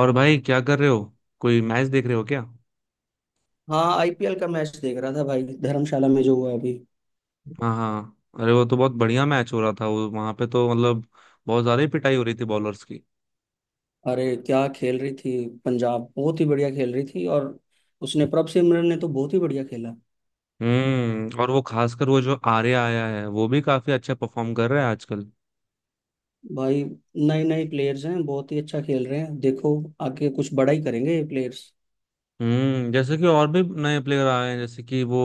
और भाई क्या कर रहे हो। कोई मैच देख रहे हो क्या? हाँ, आईपीएल का मैच देख रहा था भाई, धर्मशाला में जो हुआ अभी। हाँ हाँ, अरे वो तो बहुत बढ़िया मैच हो रहा था वो वहां पे, तो मतलब बहुत ज्यादा ही पिटाई हो रही थी बॉलर्स की। अरे, क्या खेल रही थी। पंजाब बहुत ही बढ़िया खेल रही थी, और उसने प्रभ सिमरन ने तो बहुत ही बढ़िया खेला। और वो खासकर वो जो आर्या आया है, वो भी काफी अच्छा परफॉर्म कर रहा है आजकल। भाई, नए नए प्लेयर्स हैं, बहुत ही अच्छा खेल रहे हैं, देखो आगे कुछ बड़ा ही करेंगे ये प्लेयर्स। जैसे कि और भी नए प्लेयर आए हैं, जैसे कि वो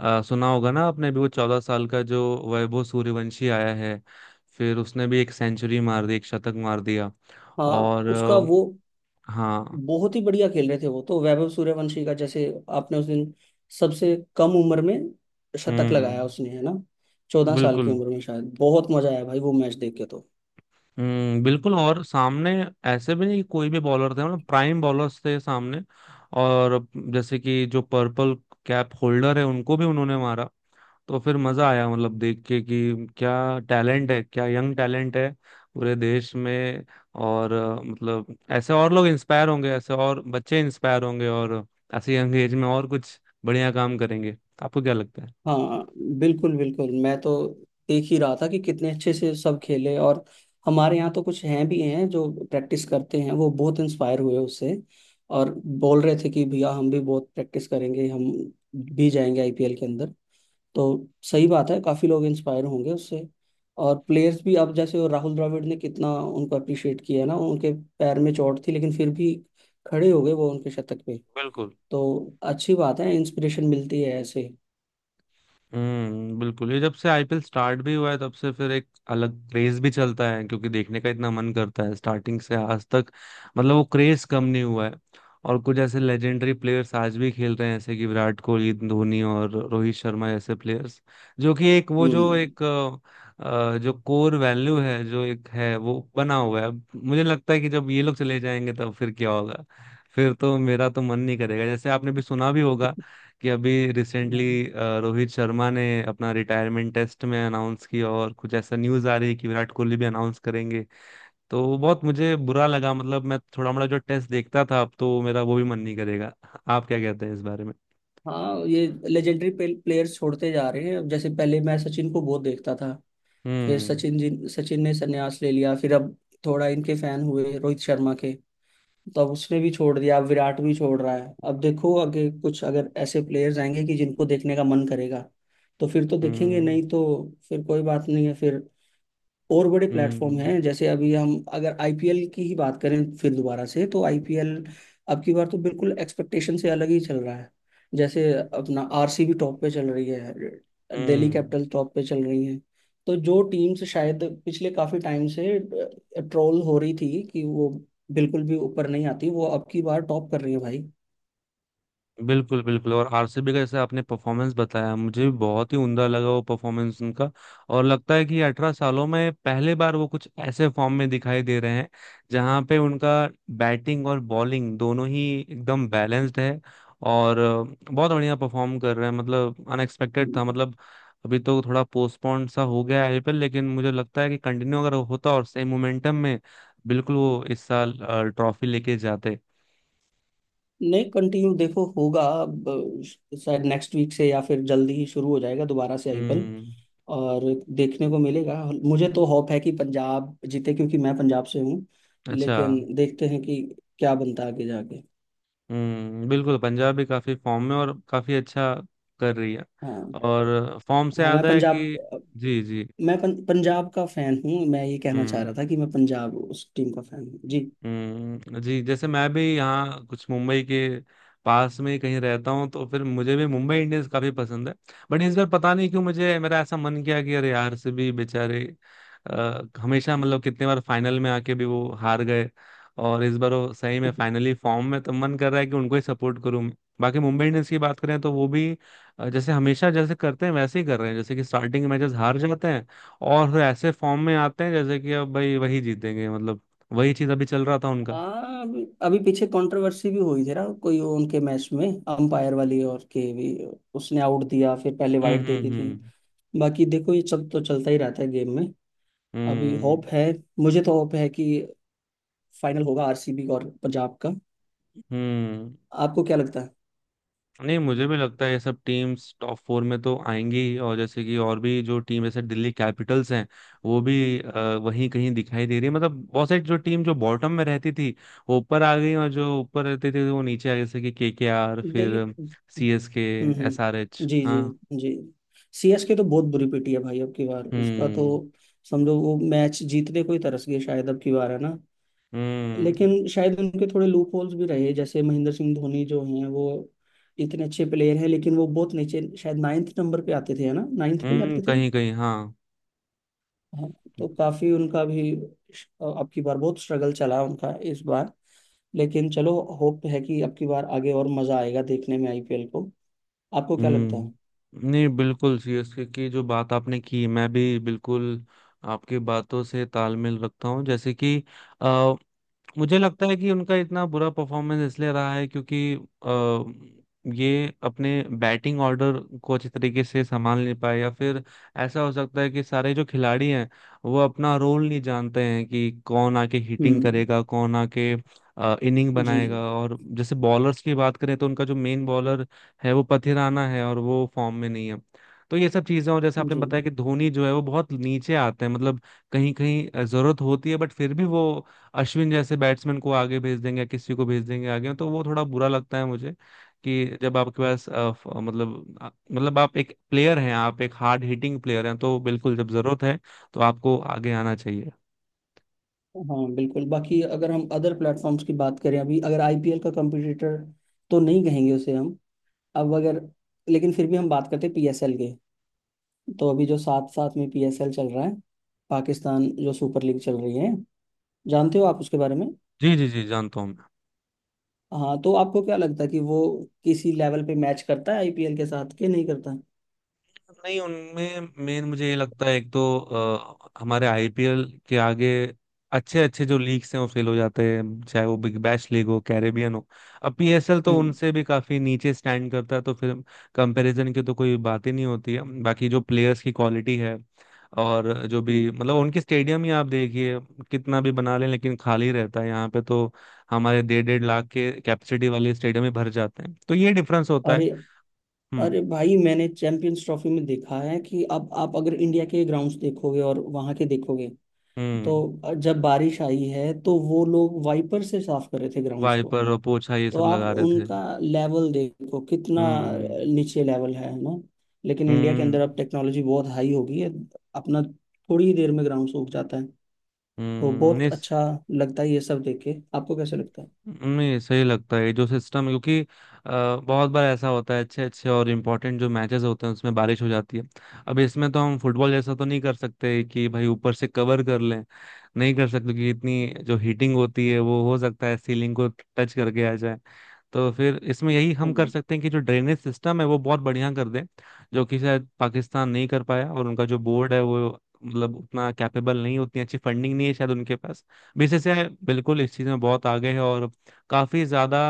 सुना होगा ना आपने भी, वो 14 साल का जो वैभव सूर्यवंशी आया है। फिर उसने भी एक सेंचुरी मार दी, एक शतक मार दिया। हाँ, और उसका वो हाँ। बहुत ही बढ़िया खेल रहे थे, वो तो वैभव सूर्यवंशी का जैसे आपने उस दिन, सबसे कम उम्र में शतक लगाया हम्म, उसने, है ना? 14 साल बिल्कुल। की उम्र में शायद, बहुत मजा आया भाई वो मैच देख के तो। हम्म, बिल्कुल, और सामने ऐसे भी नहीं कि कोई भी बॉलर थे, मतलब प्राइम बॉलर्स थे सामने। और जैसे कि जो पर्पल कैप होल्डर है उनको भी उन्होंने मारा, तो फिर मजा आया, मतलब देख के कि क्या टैलेंट है, क्या यंग टैलेंट है पूरे देश में। और मतलब ऐसे और लोग इंस्पायर होंगे, ऐसे और बच्चे इंस्पायर होंगे, और ऐसे यंग एज में और कुछ बढ़िया काम करेंगे। आपको क्या लगता है? हाँ, बिल्कुल बिल्कुल। मैं तो देख ही रहा था कि कितने अच्छे से सब खेले, और हमारे यहाँ तो कुछ हैं भी हैं जो प्रैक्टिस करते हैं, वो बहुत इंस्पायर हुए उससे, और बोल रहे थे कि भैया हम भी बहुत प्रैक्टिस करेंगे, हम भी जाएंगे आईपीएल के अंदर। तो सही बात है, काफ़ी लोग इंस्पायर होंगे उससे। और प्लेयर्स भी, अब जैसे वो राहुल द्रविड़ ने कितना उनको अप्रिशिएट किया है ना, उनके पैर में चोट थी लेकिन फिर भी खड़े हो गए वो उनके शतक पे। बिल्कुल। तो अच्छी बात है, इंस्पिरेशन मिलती है ऐसे। हम्म, बिल्कुल, ये जब से आईपीएल स्टार्ट भी हुआ है तब से फिर एक अलग क्रेज भी चलता है, क्योंकि देखने का इतना मन करता है स्टार्टिंग से आज तक, मतलब वो क्रेज कम नहीं हुआ है। और कुछ ऐसे लेजेंडरी प्लेयर्स आज भी खेल रहे हैं, जैसे कि विराट कोहली, धोनी और रोहित शर्मा जैसे प्लेयर्स, जो कि एक वो जो हम्म। एक जो कोर वैल्यू है, जो एक है वो बना हुआ है। अब मुझे लगता है कि जब ये लोग चले जाएंगे तब फिर क्या होगा? फिर तो मेरा तो मन नहीं करेगा। जैसे आपने भी सुना भी होगा कि अभी रिसेंटली रोहित शर्मा ने अपना रिटायरमेंट टेस्ट में अनाउंस किया, और कुछ ऐसा न्यूज आ रही है कि विराट कोहली भी अनाउंस करेंगे। तो वो बहुत मुझे बुरा लगा, मतलब मैं थोड़ा मोड़ा जो टेस्ट देखता था, अब तो मेरा वो भी मन नहीं करेगा। आप क्या कहते हैं इस बारे में? हाँ, ये लेजेंडरी प्लेयर्स छोड़ते जा रहे हैं। अब जैसे पहले मैं सचिन को बहुत देखता था, फिर हम्म, सचिन जी, सचिन ने संन्यास ले लिया। फिर अब थोड़ा इनके फैन हुए रोहित शर्मा के, तो अब उसने भी छोड़ दिया, अब विराट भी छोड़ रहा है। अब देखो, आगे कुछ अगर ऐसे प्लेयर्स आएंगे कि जिनको देखने का मन करेगा तो फिर तो देखेंगे, हम्म, नहीं तो फिर कोई बात नहीं है। फिर और बड़े प्लेटफॉर्म हम्म। हैं, जैसे अभी हम अगर आईपीएल की ही बात करें फिर दोबारा से, तो आईपीएल अब की बार तो बिल्कुल एक्सपेक्टेशन से अलग ही चल रहा है। जैसे अपना आरसीबी टॉप पे चल रही है, दिल्ली हम्म, कैपिटल टॉप पे चल रही है। तो जो टीम्स शायद पिछले काफी टाइम से ट्रोल हो रही थी कि वो बिल्कुल भी ऊपर नहीं आती, वो अब की बार टॉप कर रही है। बिल्कुल, बिल्कुल, और आरसीबी का जैसे आपने परफॉर्मेंस बताया, मुझे भी बहुत ही उमदा लगा वो परफॉर्मेंस उनका। और लगता है कि 18 सालों में पहली बार वो कुछ ऐसे फॉर्म में दिखाई दे रहे हैं जहां पे उनका बैटिंग और बॉलिंग दोनों ही एकदम बैलेंस्ड है। और बहुत बढ़िया परफॉर्म कर रहे हैं, मतलब अनएक्सपेक्टेड था। भाई, मतलब अभी तो थोड़ा पोस्टपोन सा हो गया आईपीएल, लेकिन मुझे लगता है कि कंटिन्यू अगर होता और सेम मोमेंटम में, बिल्कुल वो इस साल ट्रॉफी लेके जाते। नहीं, कंटिन्यू देखो होगा अब, शायद नेक्स्ट वीक से या फिर जल्दी ही शुरू हो जाएगा दोबारा से आईपीएल। हम्म। और देखने को मिलेगा। मुझे तो होप है कि पंजाब जीते, क्योंकि मैं पंजाब से हूँ। अच्छा। लेकिन देखते हैं कि क्या बनता है आगे जाके। हम्म, बिल्कुल, पंजाब भी काफी फॉर्म में और काफी अच्छा कर रही है, हाँ। और फॉर्म से हाँ, मैं याद है पंजाब कि, जी जी। मैं पं, पंजाब का फैन हूँ। मैं ये कहना चाह रहा हम्म। था कि मैं पंजाब उस टीम का फैन हूँ जी। हम्म, जी, जैसे मैं भी यहाँ कुछ मुंबई के पास में कहीं रहता हूँ, तो फिर मुझे भी मुंबई इंडियंस काफी पसंद है। बट इस बार पता नहीं क्यों मुझे, मेरा ऐसा मन किया कि अरे यार से भी बेचारे हमेशा, मतलब कितने बार फाइनल में आके भी वो हार गए, और इस बार वो सही में फाइनली फॉर्म में, तो मन कर रहा है कि उनको ही सपोर्ट करूं मैं। बाकी मुंबई इंडियंस की बात करें, तो वो भी जैसे हमेशा जैसे करते हैं वैसे ही कर रहे हैं, जैसे कि स्टार्टिंग मैचेस हार जाते हैं और फिर ऐसे फॉर्म में आते हैं, जैसे कि अब भाई वही जीतेंगे, मतलब वही चीज अभी चल रहा था उनका। हाँ। अभी अभी पीछे कंट्रोवर्सी भी हुई थी ना कोई उनके मैच में, अंपायर वाली, और के भी उसने आउट दिया, फिर पहले हम्म, वाइड दे हम्म, दी थी। हम्म, बाकी देखो, ये चल तो चलता ही रहता है गेम में। अभी होप हम्म, है, मुझे तो होप है कि फाइनल होगा आरसीबी और पंजाब का। हम्म। आपको क्या लगता है? नहीं, मुझे भी लगता है ये सब टीम्स टॉप फोर में तो आएंगी ही, और जैसे कि और भी जो टीम, जैसे दिल्ली कैपिटल्स हैं, वो भी वहीं कहीं दिखाई दे रही है। मतलब बहुत सारी जो टीम जो बॉटम में रहती थी वो ऊपर आ गई, और जो ऊपर रहती थी वो नीचे आ गई, जैसे कि केकेआर, दिल्ली, फिर हम्म। सीएसके, हम्म, एसआरएच। जी जी हाँ। जी। सीएसके तो बहुत बुरी पिटी है भाई, अब की बार उसका तो, हम्म, समझो, वो मैच जीतने को ही तरस गए शायद अब की बार, है ना? हम्म, लेकिन शायद उनके थोड़े लूप होल्स भी रहे, जैसे महेंद्र सिंह धोनी जो हैं, वो इतने अच्छे प्लेयर हैं, लेकिन वो बहुत नीचे, शायद नाइन्थ नंबर पे आते थे, है ना? नाइन्थ पे ही हम्म, आते थे। कहीं कहीं, हाँ। हाँ, तो काफी उनका भी, अब की बार बहुत स्ट्रगल चला उनका इस बार। लेकिन चलो, होप है कि अब की बार आगे और मजा आएगा देखने में आईपीएल को। आपको क्या लगता है? हम्म, नहीं, बिल्कुल, सीएसके की जो बात आपने की, मैं भी बिल्कुल आपकी बातों से तालमेल रखता हूँ। जैसे कि मुझे लगता है कि उनका इतना बुरा परफॉर्मेंस इसलिए रहा है, क्योंकि ये अपने बैटिंग ऑर्डर को अच्छी तरीके से संभाल नहीं पाए, या फिर ऐसा हो सकता है कि सारे जो खिलाड़ी हैं वो अपना रोल नहीं जानते हैं कि कौन आके हिटिंग हम्म, करेगा, कौन आके इनिंग जी जी बनाएगा। और जैसे बॉलर्स की बात करें तो उनका जो मेन बॉलर है वो पथिराना है, और वो फॉर्म में नहीं है। तो ये सब चीजें, और जैसे आपने जी। बताया कि धोनी जो है वो बहुत नीचे आते हैं, मतलब कहीं कहीं जरूरत होती है, बट फिर भी वो अश्विन जैसे बैट्समैन को आगे भेज देंगे या किसी को भेज देंगे आगे, तो वो थोड़ा बुरा लगता है मुझे। कि जब आपके पास मतलब मतलब आप एक प्लेयर हैं, आप एक हार्ड हिटिंग प्लेयर हैं, तो बिल्कुल जब जरूरत है तो आपको आगे आना चाहिए। हाँ, बिल्कुल। बाकी अगर हम अदर प्लेटफॉर्म्स की बात करें, अभी अगर आईपीएल का कंपटीटर तो नहीं कहेंगे उसे हम, अब अगर, लेकिन फिर भी हम बात करते हैं पीएसएल के, तो अभी जो साथ साथ में पीएसएल चल रहा है, पाकिस्तान जो सुपर लीग चल रही है, जानते हो आप उसके बारे में? जी, जी, जी, जानता हूँ मैं। हाँ, तो आपको क्या लगता है कि वो किसी लेवल पे मैच करता है आईपीएल के साथ कि नहीं करता? नहीं, उनमें मेन मुझे ये लगता है, एक तो हमारे आईपीएल के आगे अच्छे अच्छे जो लीग्स हैं वो फेल हो जाते हैं, चाहे वो बिग बैश लीग हो, कैरेबियन हो। अब पीएसएल तो हम्म, उनसे भी काफी नीचे स्टैंड करता है, तो फिर कंपैरिजन की तो कोई बात ही नहीं होती है। बाकी जो प्लेयर्स की क्वालिटी है, और जो हम्म। भी, मतलब उनके स्टेडियम ही आप देखिए, कितना भी बना लें लेकिन खाली रहता है। यहाँ पे तो हमारे डेढ़ डेढ़ लाख के कैपेसिटी वाले स्टेडियम ही भर जाते हैं, तो ये डिफरेंस होता है। अरे, हम्म अरे भाई, मैंने चैंपियंस ट्रॉफी में देखा है कि अब आप अगर इंडिया के ग्राउंड्स देखोगे और वहां के देखोगे, तो हम्म जब बारिश आई है तो वो लोग वाइपर से साफ कर रहे थे ग्राउंड्स को। वाइपर और पोछा ये तो सब आप लगा रहे थे। उनका लेवल देखो कितना हम्म, नीचे लेवल है, ना? लेकिन इंडिया के अंदर अब हम्म, टेक्नोलॉजी बहुत हाई हो गई है। अपना थोड़ी ही देर में ग्राउंड सूख जाता है। तो हम्म। बहुत नहीं, अच्छा लगता है ये सब देख के। आपको कैसे लगता है? नहीं, सही लगता है ये जो सिस्टम है, क्योंकि बहुत बार ऐसा होता है, अच्छे अच्छे और इम्पोर्टेंट जो मैचेस होते हैं उसमें बारिश हो जाती है। अब इसमें तो हम फुटबॉल जैसा तो नहीं कर सकते कि भाई ऊपर से कवर कर लें, नहीं कर सकते, क्योंकि इतनी जो हीटिंग होती है वो हो सकता है सीलिंग को टच करके आ जाए। तो फिर इसमें यही हम कर हम्म। सकते हैं कि जो ड्रेनेज सिस्टम है वो बहुत बढ़िया कर दें, जो कि शायद पाकिस्तान नहीं कर पाया। और उनका जो बोर्ड है वो, मतलब उतना कैपेबल नहीं, उतनी अच्छी फंडिंग नहीं है शायद उनके पास। बीसीसीआई बिल्कुल इस चीज में बहुत आगे है, और काफी ज्यादा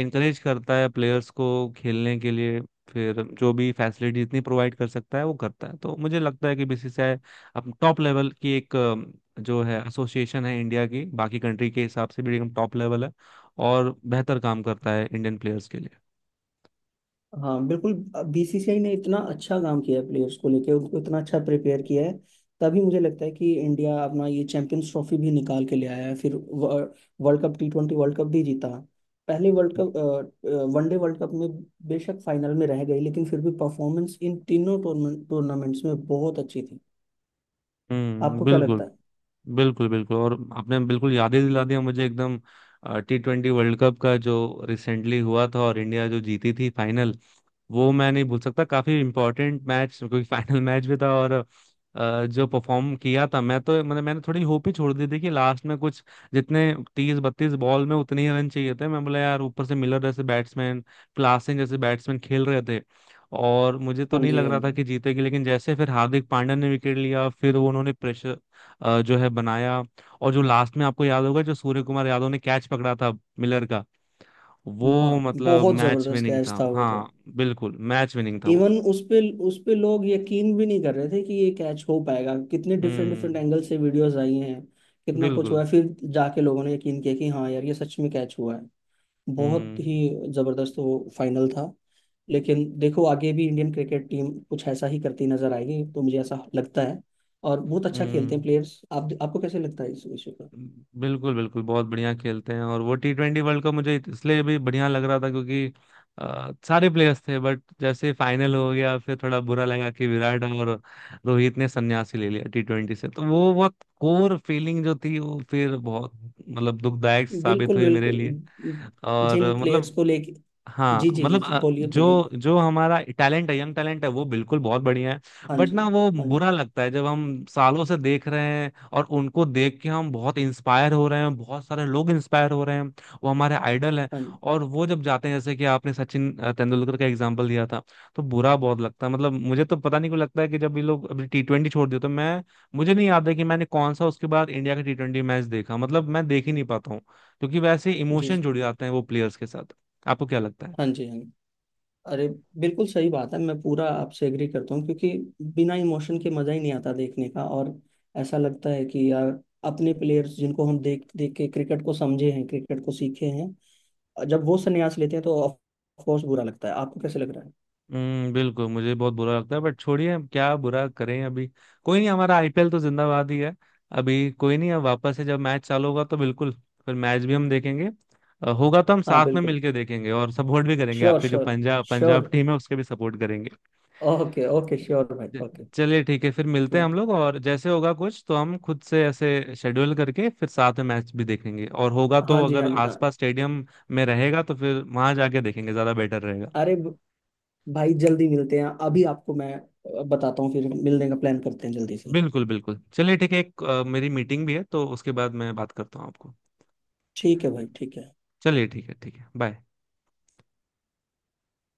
इंकरेज करता है प्लेयर्स को खेलने के लिए, फिर जो भी फैसिलिटी इतनी प्रोवाइड कर सकता है वो करता है। तो मुझे लगता है कि बीसीसीआई अब टॉप लेवल की एक जो है एसोसिएशन है, इंडिया की बाकी कंट्री के हिसाब से भी एकदम टॉप लेवल है, और बेहतर काम करता है इंडियन प्लेयर्स के लिए। हाँ, बिल्कुल। बीसीसीआई ने इतना अच्छा काम किया है, प्लेयर्स को लेके उनको इतना अच्छा प्रिपेयर किया है। तभी मुझे लगता है कि इंडिया अपना ये चैंपियंस ट्रॉफी भी निकाल के ले आया है, फिर world cup, T20 world cup भी जीता। पहले world cup, one day world cup में बेशक फाइनल में रह गई, लेकिन फिर भी परफॉर्मेंस इन तीनों टूर्नामेंट्स में बहुत अच्छी थी। हम्म, आपको क्या लगता बिल्कुल, है? बिल्कुल, बिल्कुल, और आपने बिल्कुल याद ही दिला दिया मुझे एकदम T20 वर्ल्ड कप का, जो रिसेंटली हुआ था और इंडिया जो जीती थी फाइनल, वो मैं नहीं भूल सकता। काफी इंपॉर्टेंट मैच, क्योंकि फाइनल मैच भी था। और जो परफॉर्म किया था, मैं तो, मतलब मैंने थोड़ी होप ही छोड़ दी थी कि लास्ट में कुछ, जितने 30-32 बॉल में उतने ही रन चाहिए थे। मैं बोला यार ऊपर से मिलर जैसे बैट्समैन, क्लासन जैसे बैट्समैन खेल रहे थे, और मुझे तो हाँ नहीं जी, लग हाँ रहा था जी। कि जीतेगी, लेकिन जैसे फिर हार्दिक पांड्या ने विकेट लिया, फिर उन्होंने प्रेशर जो है बनाया। और जो लास्ट में आपको याद होगा, जो सूर्य कुमार यादव ने कैच पकड़ा था मिलर का, वो मतलब बहुत मैच जबरदस्त विनिंग कैच था, था वो तो। हाँ। बिल्कुल, मैच विनिंग था वो। इवन उस पे, उस पे लोग यकीन भी नहीं कर रहे थे कि ये कैच हो पाएगा। कितने डिफरेंट डिफरेंट हम्म। एंगल से वीडियोस आई हैं, कितना कुछ बिल्कुल। हुआ है, फिर जाके लोगों ने यकीन किया कि हाँ यार, ये सच में कैच हुआ है। बहुत हम्म, ही जबरदस्त वो फाइनल था। लेकिन देखो, आगे भी इंडियन क्रिकेट टीम कुछ ऐसा ही करती नजर आएगी, तो मुझे ऐसा लगता है। और बहुत अच्छा खेलते हैं हम्म, प्लेयर्स। आप, आपको कैसे लगता है इस विषय पे? बिल्कुल, बिल्कुल, बहुत बढ़िया खेलते हैं, और वो T20 वर्ल्ड कप मुझे इसलिए भी बढ़िया लग रहा था, क्योंकि सारे प्लेयर्स थे। बट जैसे फाइनल हो गया फिर थोड़ा बुरा लगा कि विराट और रोहित ने संन्यासी ले लिया T20 से, तो वो बहुत कोर फीलिंग जो थी वो फिर बहुत, मतलब दुखदायक साबित बिल्कुल हुई मेरे लिए, बिल्कुल। और जिन प्लेयर्स मतलब, को लेके। हाँ, जी जी जी मतलब जी, बोलिए बोलिए। जो जो हमारा टैलेंट है, यंग टैलेंट है, वो बिल्कुल बहुत बढ़िया है। हाँ बट जी, ना, वो हाँ जी। बुरा लगता है जब हम सालों से देख रहे हैं और उनको देख के हम बहुत इंस्पायर हो रहे हैं, बहुत सारे लोग इंस्पायर हो रहे हैं, वो हमारे आइडल हैं। हाँ जी। और वो जब जाते हैं, जैसे कि आपने सचिन तेंदुलकर का एग्जाम्पल दिया था, तो बुरा बहुत लगता है। मतलब मुझे तो पता नहीं क्यों लगता है कि जब ये लोग अभी T20 छोड़ दिए, तो मैं, मुझे नहीं याद है कि मैंने कौन सा उसके बाद इंडिया का T20 मैच देखा, मतलब मैं देख ही नहीं पाता हूँ, क्योंकि वैसे जी इमोशन जी जुड़ जाते हैं वो प्लेयर्स के साथ। आपको क्या लगता है? हाँ जी, हाँ जी। अरे, बिल्कुल सही बात है, मैं पूरा आपसे एग्री करता हूँ, क्योंकि बिना इमोशन के मजा ही नहीं आता देखने का। और ऐसा लगता है कि यार, अपने प्लेयर्स जिनको हम देख देख के क्रिकेट को समझे हैं, क्रिकेट को सीखे हैं, और जब वो संन्यास लेते हैं तो ऑफ कोर्स बुरा लगता है। आपको कैसे लग रहा है? हम्म, बिल्कुल, मुझे बहुत बुरा लगता है, बट छोड़िए, हम क्या बुरा करें अभी। कोई नहीं, हमारा आईपीएल तो जिंदाबाद ही है। अभी कोई नहीं, अब वापस से जब मैच चालू होगा तो बिल्कुल, फिर मैच भी हम देखेंगे। होगा तो हम हाँ, साथ में बिल्कुल। मिलके देखेंगे और सपोर्ट भी करेंगे, श्योर आपके जो sure Punjab Punjab sure. Team है उसके भी सपोर्ट करेंगे। ओके ओके, श्योर भाई, ओके। चलिए ठीक है, फिर मिलते हैं श्योर। हम लोग, और जैसे होगा कुछ तो हम खुद से ऐसे शेड्यूल करके फिर साथ में मैच भी देखेंगे, और होगा तो हाँ जी, अगर हाँ जी हाँ। आसपास स्टेडियम में रहेगा तो फिर वहां जाके देखेंगे, ज्यादा बेटर रहेगा। अरे ब- भाई, जल्दी मिलते हैं। अभी आपको मैं बताता हूँ, फिर मिलने का प्लान करते हैं जल्दी से। बिल्कुल, बिल्कुल, चलिए ठीक है, एक मेरी मीटिंग भी है तो उसके बाद मैं बात करता हूँ आपको। ठीक है भाई, ठीक है। चलिए ठीक है, ठीक है, बाय।